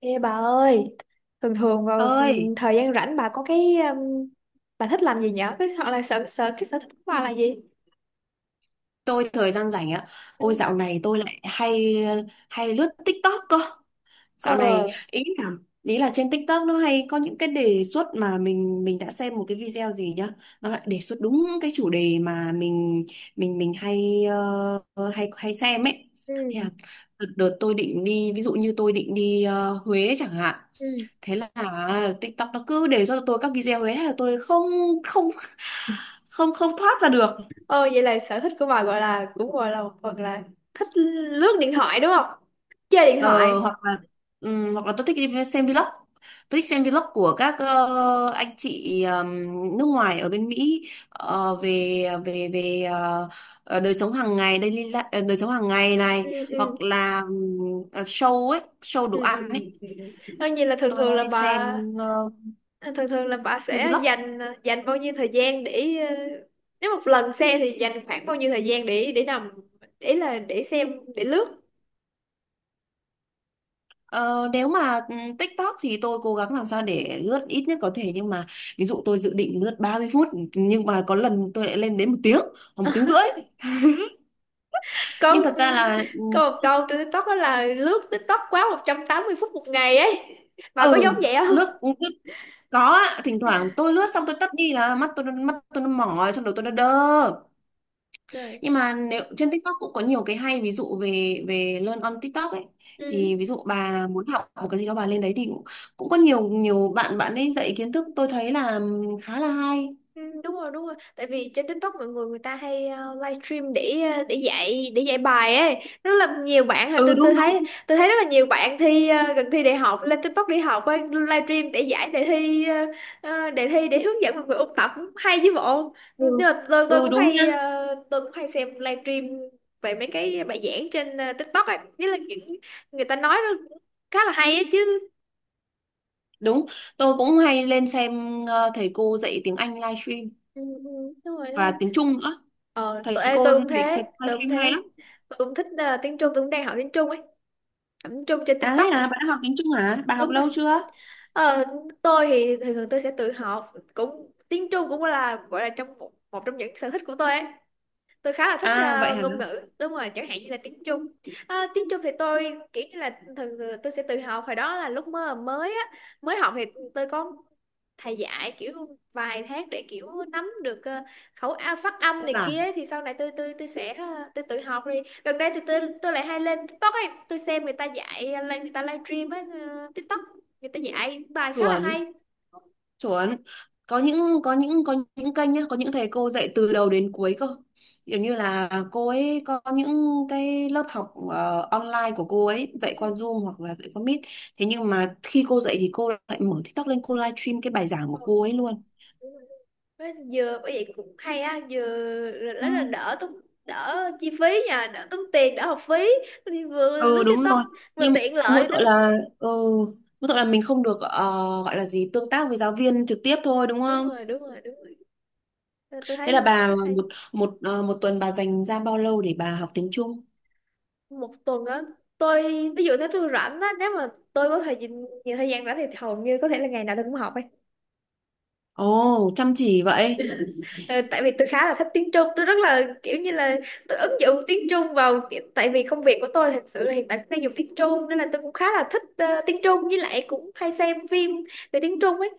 Ê bà ơi, thường thường vào Ơi. Thời gian rảnh bà có cái bà thích làm gì nhở? Hoặc là sở sở cái sở thích của bà là gì? Tôi thời gian rảnh ạ? Ôi Ừ. dạo này tôi lại hay hay lướt TikTok cơ. Dạo này Ờ, ý là ý là trên TikTok nó hay có những cái đề xuất mà mình đã xem một cái video gì nhá, nó lại đề xuất đúng cái chủ đề mà mình hay ờ, hay hay xem ấy. Thế ừ, là đợt tôi định đi, ví dụ như tôi định đi Huế chẳng hạn, ừ. thế là TikTok nó cứ đề xuất cho tôi các video ấy, thế là tôi không không không không thoát ra được. Ờ vậy là sở thích của bà gọi là cũng gọi là một phần là thích lướt điện thoại đúng không? Chơi điện Ờ, thoại. hoặc là hoặc là tôi thích đi xem vlog. Tôi thích xem vlog của các anh chị nước ngoài ở bên Mỹ, ờ, về về về ờ, ờ, đời sống hàng ngày, đời sống hàng ngày này. Ừ, ừ, Hoặc là show ấy, show đồ ừ, ừ. ăn ấy. Ừ, ừ. Thôi vậy là thường Tôi thường là hay bà thường thường là bà xem sẽ vlog. dành dành bao nhiêu thời gian để nếu một lần xem thì dành khoảng bao nhiêu thời gian để nằm, để xem, để lướt. Ờ, nếu mà TikTok thì tôi cố gắng làm sao để lướt ít nhất có thể, nhưng mà ví dụ tôi dự định lướt 30 phút, nhưng mà có lần tôi lại lên đến 1 tiếng hoặc 1 tiếng rưỡi. câu Nhưng thật ra là câu câu trên TikTok đó là lướt TikTok quá 180 phút một ngày ấy, bà có giống ừ vậy không? lướt lướt Có ạ, thỉnh thoảng tôi lướt xong tôi tắt đi là mắt tôi nó mỏi, xong đầu tôi nó đơ. Rồi. Nhưng mà nếu trên TikTok cũng có nhiều cái hay, ví dụ về về learn on TikTok ấy, thì Ừ. ví dụ bà muốn học một cái gì đó bà lên đấy thì cũng có nhiều nhiều bạn bạn ấy dạy kiến thức, tôi thấy là khá là hay. Ừ, đúng rồi, đúng rồi, tại vì trên TikTok mọi người người ta hay livestream để dạy bài ấy, rất là nhiều bạn, Ừ tôi tôi đúng thấy đúng. tôi thấy rất là nhiều bạn thi gần thi đại học lên TikTok đi học ấy, livestream để giải đề thi đề thi để hướng dẫn mọi người ôn tập, hay chứ bộ. Ừ, Nhưng mà ừ đúng nha. Tôi cũng hay xem livestream về mấy cái bài giảng trên TikTok ấy, nhất là những người ta nói nó cũng khá là hay ấy chứ. Đúng, tôi cũng hay lên xem thầy cô dạy tiếng Anh livestream Ừ, ừ, đúng rồi, đúng và rồi. tiếng Trung nữa. Ờ, Thầy tôi, ê, cô tôi thầy, cũng thế, thầy tôi cũng livestream hay thế. lắm. Tôi cũng thích tiếng Trung, tôi cũng đang học tiếng Trung ấy. Học tiếng Trung trên À TikTok. thế à, bạn đã học tiếng Trung hả? Bà học Đúng rồi. lâu chưa? Ờ, tôi thì thường thường tôi sẽ tự học cũng tiếng Trung, cũng là gọi là trong một trong những sở thích của tôi ấy, tôi khá là thích À vậy hả? ngôn ngữ, đúng rồi, chẳng hạn như là tiếng Trung. Tiếng Trung thì tôi kiểu như là thường tôi sẽ tự học. Hồi đó là lúc mới mới á mới học thì tôi có thầy dạy kiểu vài tháng để kiểu nắm được ờ, khẩu a phát âm Cơ này bản. kia, thì sau này tôi tự học đi. Gần đây thì tôi lại hay lên TikTok ấy, tôi xem người ta dạy lên người ta livestream ấy TikTok, người ta dạy bài khá là Chuẩn, hay. chuẩn. Có những kênh nhá, có những thầy cô dạy từ đầu đến cuối cơ. Kiểu như là cô ấy có những cái lớp học online của cô ấy, dạy qua Zoom hoặc là dạy qua Meet. Thế nhưng mà khi cô dạy thì cô lại mở TikTok lên, cô live stream cái bài giảng Ờ, của cô ấy ờ, luôn. đúng rồi. Với vừa bởi vậy cũng hay á, vừa Ừ, rất là đỡ tốn, đỡ chi phí nha, đỡ tốn tiền, đỡ học phí đi, vừa lướt ừ đúng TikTok rồi. vừa Nhưng tiện mỗi lợi nữa. tội là ừ, mỗi tội là mình không được, gọi là gì, tương tác với giáo viên trực tiếp thôi đúng Đúng không? rồi, đúng rồi, đúng rồi, tôi Thế thấy là bà hay. một một ờ, một tuần bà dành ra bao lâu để bà học tiếng Trung? Một tuần á, tôi ví dụ nếu tôi rảnh á, nếu mà tôi có thời gian, nhiều thời gian rảnh thì hầu như có thể là ngày nào tôi cũng học ấy. Ồ, chăm chỉ vậy. Ờ, Tại vì tôi khá là thích tiếng Trung, tôi rất là kiểu như là tôi ứng dụng tiếng Trung vào kiểu- tại vì công việc của tôi thật sự là hiện tại cũng đang dùng tiếng Trung, nên là tôi cũng khá là thích tiếng Trung, với lại cũng hay xem phim về tiếng Trung ấy.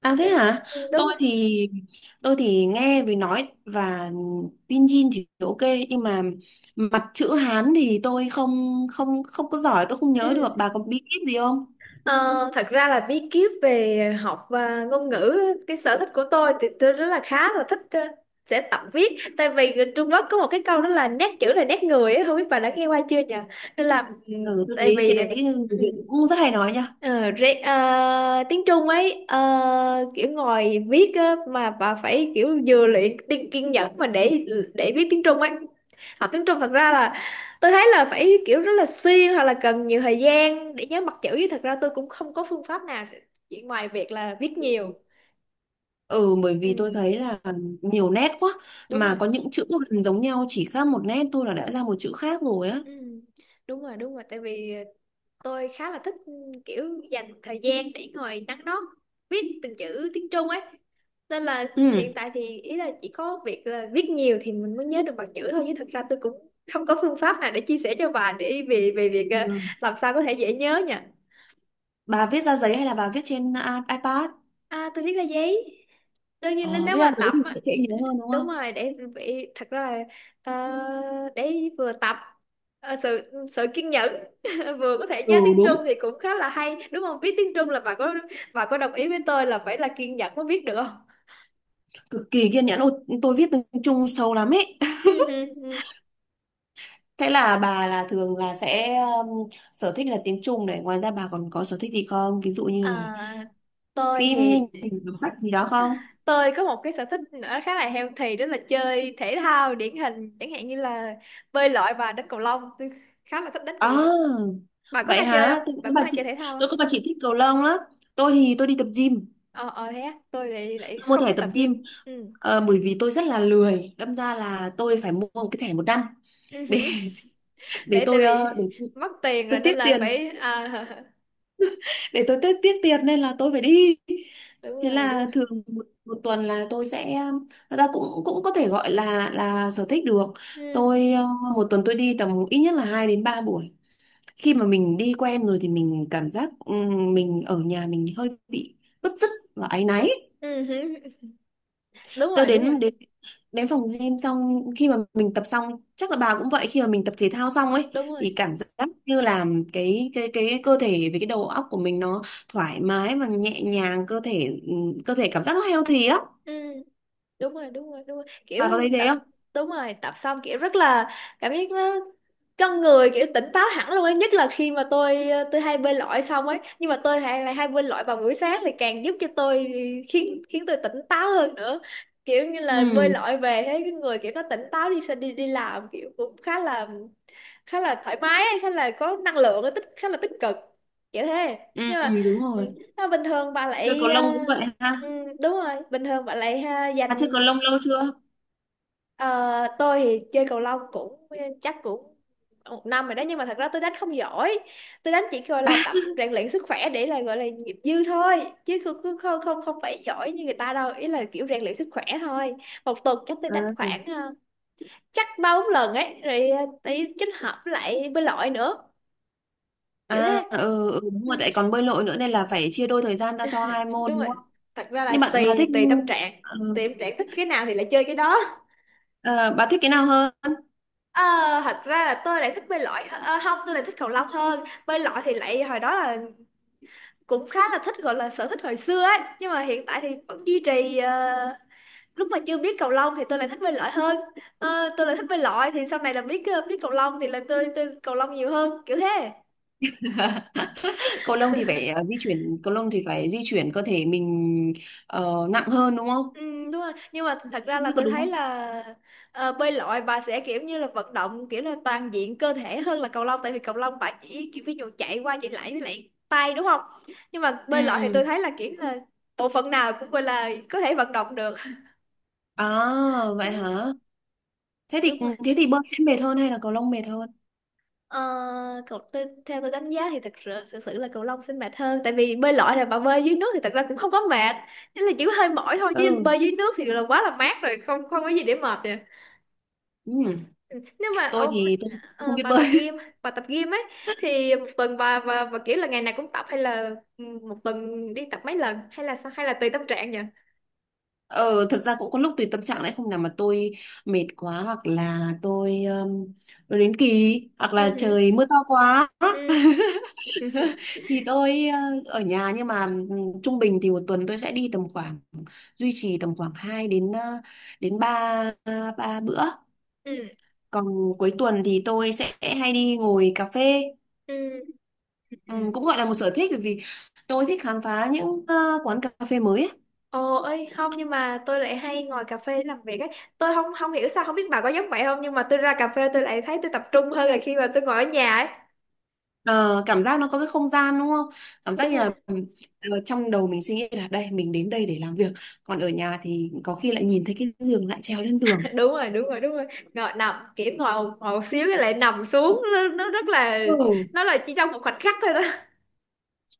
À thế Ừ, hả? đúng Tôi rồi. thì tôi thì nghe về nói và pinyin thì ok, nhưng mà mặt chữ Hán thì tôi không không không có giỏi, tôi không Ừ. nhớ được. Bà có bí kíp gì không? Ờ, Thật ra là bí kíp về học và ngôn ngữ, cái sở thích của tôi thì tôi rất là khá là thích sẽ tập viết, tại vì người Trung Quốc có một cái câu đó là nét chữ là nét người ấy, không biết bà đã nghe qua chưa nhỉ? Nên là ừ, Ừ, tôi tại thấy vì cái đấy người ừ. Việt cũng rất hay nói nha. Tiếng Trung ấy kiểu ngồi viết á, mà bà phải kiểu vừa luyện kiên nhẫn mà để viết tiếng Trung ấy, học tiếng Trung thật ra là tôi thấy là phải kiểu rất là siêng hoặc là cần nhiều thời gian để nhớ mặt chữ, chứ thật ra tôi cũng không có phương pháp nào chỉ ngoài việc là viết nhiều. Ừ, bởi vì tôi Ừ, thấy là nhiều nét quá, đúng mà rồi. có những chữ gần giống nhau chỉ khác một nét thôi là đã ra một chữ khác rồi á. Ừ, đúng rồi, đúng rồi, tại vì tôi khá là thích kiểu dành thời gian để ngồi nắn nót viết từng chữ tiếng Trung ấy, nên là hiện Ừ. tại thì ý là chỉ có việc là viết nhiều thì mình mới nhớ được bằng chữ thôi, chứ thực ra tôi cũng không có phương pháp nào để chia sẻ cho bà để về về việc Ừ. làm sao có thể dễ nhớ nha. Bà viết ra giấy hay là bà viết trên iPad? À, tôi viết ra giấy, đương nhiên nếu Ờ, nếu viết ra mà giấy tập thì sẽ á, dễ nhớ hơn đúng đúng không? rồi để bị thật ra là ờ, để vừa tập sự sự kiên nhẫn vừa có thể nhớ Ừ tiếng đúng, Trung thì cũng khá là hay, đúng không biết tiếng Trung là bà có đồng ý với tôi là phải là kiên nhẫn mới biết được không? cực kỳ kiên nhẫn. Ôi, tôi viết tiếng Trung sâu lắm ấy. Ừ, ừ, ừ. Thế là bà là thường là sẽ sở thích là tiếng Trung này. Ngoài ra bà còn có sở thích gì không? Ví dụ như là À, tôi phim, như thì đọc sách gì đó không? tôi có một cái sở thích nữa khá là healthy, đó là chơi thể thao, điển hình chẳng hạn như là bơi lội và đánh cầu lông. Tôi khá là thích đánh cầu lông, À, bà có vậy hay chơi không, hả? Bà có hay chơi thể Tôi thao? có bà chị thích cầu lông lắm. Tôi thì tôi đi tập gym, Ờ Thế á, tôi lại lại mua không thẻ thích tập tập gym. gym. Ừ. Ờ, bởi vì tôi rất là lười, đâm ra là tôi phải mua một cái thẻ một năm Ừ để hử. Để tại vì để mất tiền tôi rồi nên tiếc là tiền, phải, à, để tôi tiết tiết tiền nên là tôi phải đi. đúng Thế rồi, đúng là rồi. thường một tuần là tôi sẽ, thật ra cũng cũng có thể gọi là sở thích được. Ừ. tôi ờ, Một tuần tôi đi tầm ít nhất là 2 đến 3 buổi. Khi mà mình đi quen rồi thì mình cảm giác mình ở nhà mình hơi bị bứt rứt và áy náy. Ừ hử. Đúng Tôi rồi, đúng đến rồi, đến đến phòng gym, xong khi mà mình tập xong, chắc là bà cũng vậy, khi mà mình tập thể thao xong ấy đúng thì rồi. cảm giác như là cái cơ thể với cái đầu óc của mình nó thoải mái và nhẹ nhàng, cơ thể cơ thể cảm giác nó healthy lắm, Ừ. Đúng rồi, đúng rồi, đúng rồi bà có kiểu thấy thế tập. không? Đúng rồi tập xong kiểu rất là cảm giác nó, con người kiểu tỉnh táo hẳn luôn ấy, nhất là khi mà tôi tôi hay bơi lội xong ấy, nhưng mà tôi hay lại hay bơi lội vào buổi sáng thì càng giúp cho tôi khiến khiến tôi tỉnh táo hơn nữa, kiểu như là bơi Ừ, lội về thấy cái người kiểu nó tỉnh táo, đi đi đi làm kiểu cũng khá là thoải mái ấy, khá là có năng lượng ấy, khá là tích cực kiểu thế. ừ, Nhưng ừ, mà đúng ừ, rồi, bình thường bà chơi cầu lại lông cũng vậy ừ, ha. đúng rồi bình thường bạn lại ha, Bà chơi cầu dành. lông lâu chưa? Ờ, tôi thì chơi cầu lông cũng chắc cũng một năm rồi đó, nhưng mà thật ra tôi đánh không giỏi, tôi đánh chỉ gọi là tập rèn luyện sức khỏe, để là gọi là nghiệp dư thôi, chứ không không không không không phải giỏi như người ta đâu, ý là kiểu rèn luyện sức khỏe thôi. Một tuần chắc tôi đánh À, khoảng chắc ba bốn lần ấy rồi tí kết hợp với lại bơi lội nữa kiểu thế. à, ừ, ừ, đúng rồi, Ừ, tại còn bơi lội nữa nên là phải chia đôi thời gian ra cho hai môn đúng đúng rồi, không? thật ra là Nhưng bạn bà tùy thích tùy tâm trạng, ừ, tùy tâm trạng thích cái nào thì lại chơi cái đó. ờ, bà thích cái nào hơn? Ờ, Thật ra là tôi lại thích bơi lội không, tôi lại thích cầu lông hơn, bơi lội thì lại hồi đó là cũng khá là thích, gọi là sở thích hồi xưa ấy, nhưng mà hiện tại thì vẫn duy trì lúc mà chưa biết cầu lông thì tôi lại thích bơi lội hơn. Tôi lại thích bơi lội, thì sau này là biết cầu lông thì là tôi cầu lông nhiều hơn kiểu thế. Cầu lông thì phải di chuyển, cầu lông thì phải di chuyển cơ thể mình nặng hơn đúng không, Ừ, đúng rồi. Nhưng mà thật ra không là biết có tôi đúng thấy không? là bơi lội bà sẽ kiểu như là vận động kiểu là toàn diện cơ thể hơn là cầu lông, tại vì cầu lông bà chỉ kiểu ví dụ chạy qua chạy lại với lại tay đúng không? Nhưng mà bơi lội thì tôi Ừ. thấy là kiểu là bộ phận nào cũng gọi là có thể vận động được. À vậy Ừ, hả? thế đúng thì rồi. thế thì bơi sẽ mệt hơn hay là cầu lông mệt hơn? Ờ, Cậu tôi, theo tôi đánh giá thì thật sự, thực sự là cầu lông sẽ mệt hơn, tại vì bơi lội là bà bơi dưới nước thì thật ra cũng không có mệt. Chỉ là chỉ có hơi mỏi thôi, chứ Ừ, bơi dưới nước thì là quá là mát rồi, không không có gì để mệt. ừ. Ừ, nếu mà tôi không ờ, biết bà tập bơi. gym bà tập gym ấy thì một tuần bà và kiểu là ngày nào cũng tập, hay là ừ, một tuần đi tập mấy lần, hay là sao, hay là tùy tâm trạng nhỉ? Ờ, thật ra cũng có lúc tùy tâm trạng đấy, hôm nào mà tôi mệt quá hoặc là tôi đến kỳ hoặc Ừ là hử, trời mưa to quá ừ, ừ. thì ở nhà, nhưng mà trung bình thì một tuần tôi sẽ đi tầm khoảng, duy trì tầm khoảng 2 đến ờ, đến 3 ba bữa. Ừ, Còn cuối tuần thì tôi sẽ hay đi ngồi cà phê. ừ, Ừ, ừ. cũng gọi là một sở thích bởi vì tôi thích khám phá những quán cà phê mới ấy. Ồ ơi không, nhưng mà tôi lại hay ngồi cà phê để làm việc ấy, tôi không không hiểu sao, không biết bà có giống vậy không, nhưng mà tôi ra cà phê tôi lại thấy tôi tập trung hơn là khi mà tôi ngồi ở nhà ấy. Ờ, cảm giác nó có cái không gian đúng không? Cảm giác Đúng như rồi. là trong đầu mình suy nghĩ là đây mình đến đây để làm việc, còn ở nhà thì có khi lại nhìn thấy cái giường lại trèo lên giường. Đúng rồi, đúng rồi, đúng rồi. Ngồi nằm kiểu, ngồi ngồi một xíu cái lại nằm xuống, nó, nó rất là Ừ. nó là chỉ trong một khoảnh khắc thôi đó.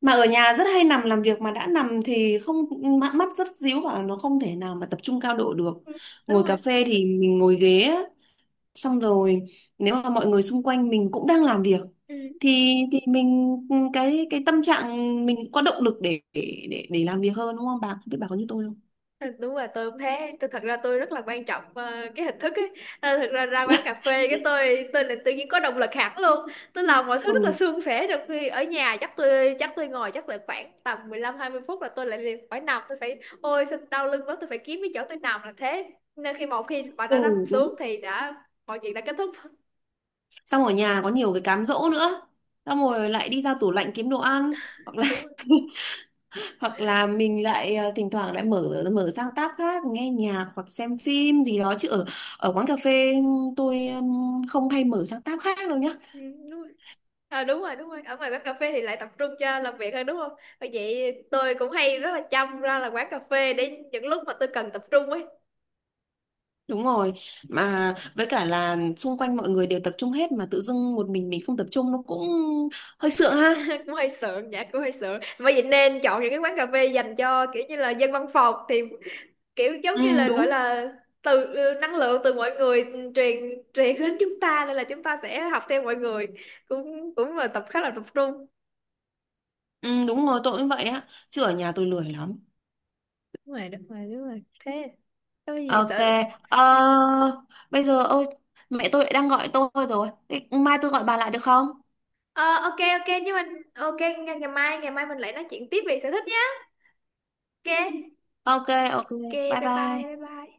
Mà ở nhà rất hay nằm làm việc, mà đã nằm thì không, mắt rất díu và nó không thể nào mà tập trung cao độ được. Ừ, đúng Ngồi rồi. cà phê thì mình ngồi ghế á, xong rồi nếu mà mọi người xung quanh mình cũng đang làm việc Ừ. thì mình, cái tâm trạng mình cũng có động lực để làm việc hơn, đúng không bà, không biết bà có như tôi không? Đúng rồi, tôi cũng thế, tôi thật ra tôi rất là quan trọng cái hình thức ấy. Thật ra ra quán cà phê cái tôi là tự nhiên có động lực hẳn luôn, tôi làm mọi thứ rất là Ừ. suôn sẻ, trong khi ở nhà chắc tôi ngồi chắc là khoảng tầm 15-20 phút là tôi lại liền phải nằm, tôi phải ôi sao đau lưng quá, tôi phải kiếm cái chỗ tôi nằm là thế. Nên một khi bạn đã Ừ nằm đúng. xuống thì đã, mọi chuyện đã kết thúc. Xong ở nhà có nhiều cái cám dỗ nữa, xong Ừ. rồi lại đi ra tủ lạnh kiếm đồ ăn hoặc là Đúng rồi. hoặc là mình lại thỉnh thoảng lại mở mở sang tab khác nghe nhạc hoặc xem phim gì đó. Chứ ở ở quán cà phê tôi không hay mở sang tab khác đâu nhá. Ừ, đúng rồi. Đúng rồi, đúng rồi, ở ngoài quán cà phê thì lại tập trung cho làm việc hơn đúng không? Bởi vậy tôi cũng hay rất là chăm ra là quán cà phê để những lúc mà tôi cần tập trung ấy. Đúng rồi, mà với cả là xung quanh mọi người đều tập trung hết mà tự dưng một mình không tập trung nó cũng hơi sượng ha. Cũng hơi sợ, dạ cũng hơi sợ, bởi vậy nên chọn những cái quán cà phê dành cho kiểu như là dân văn phòng, thì kiểu giống Ừ như là gọi đúng. là năng lượng từ mọi người truyền truyền đến chúng ta, nên là chúng ta sẽ học theo mọi người, cũng cũng là tập khá là tập trung. Ừ, đúng rồi, tôi cũng vậy á chứ ở nhà tôi lười lắm. Đúng rồi, đúng rồi, đúng rồi thế, có gì Ok. sợ. ờ, Bây giờ ôi, mẹ tôi lại đang gọi tôi rồi. Thế mai tôi gọi bà lại được không? Ờ ok, ok, nhưng mà ok, ngày ngày mai mình lại nói chuyện tiếp về sở thích, ok, Ok. Ok. ok, Bye bye bye, bye. bye bye.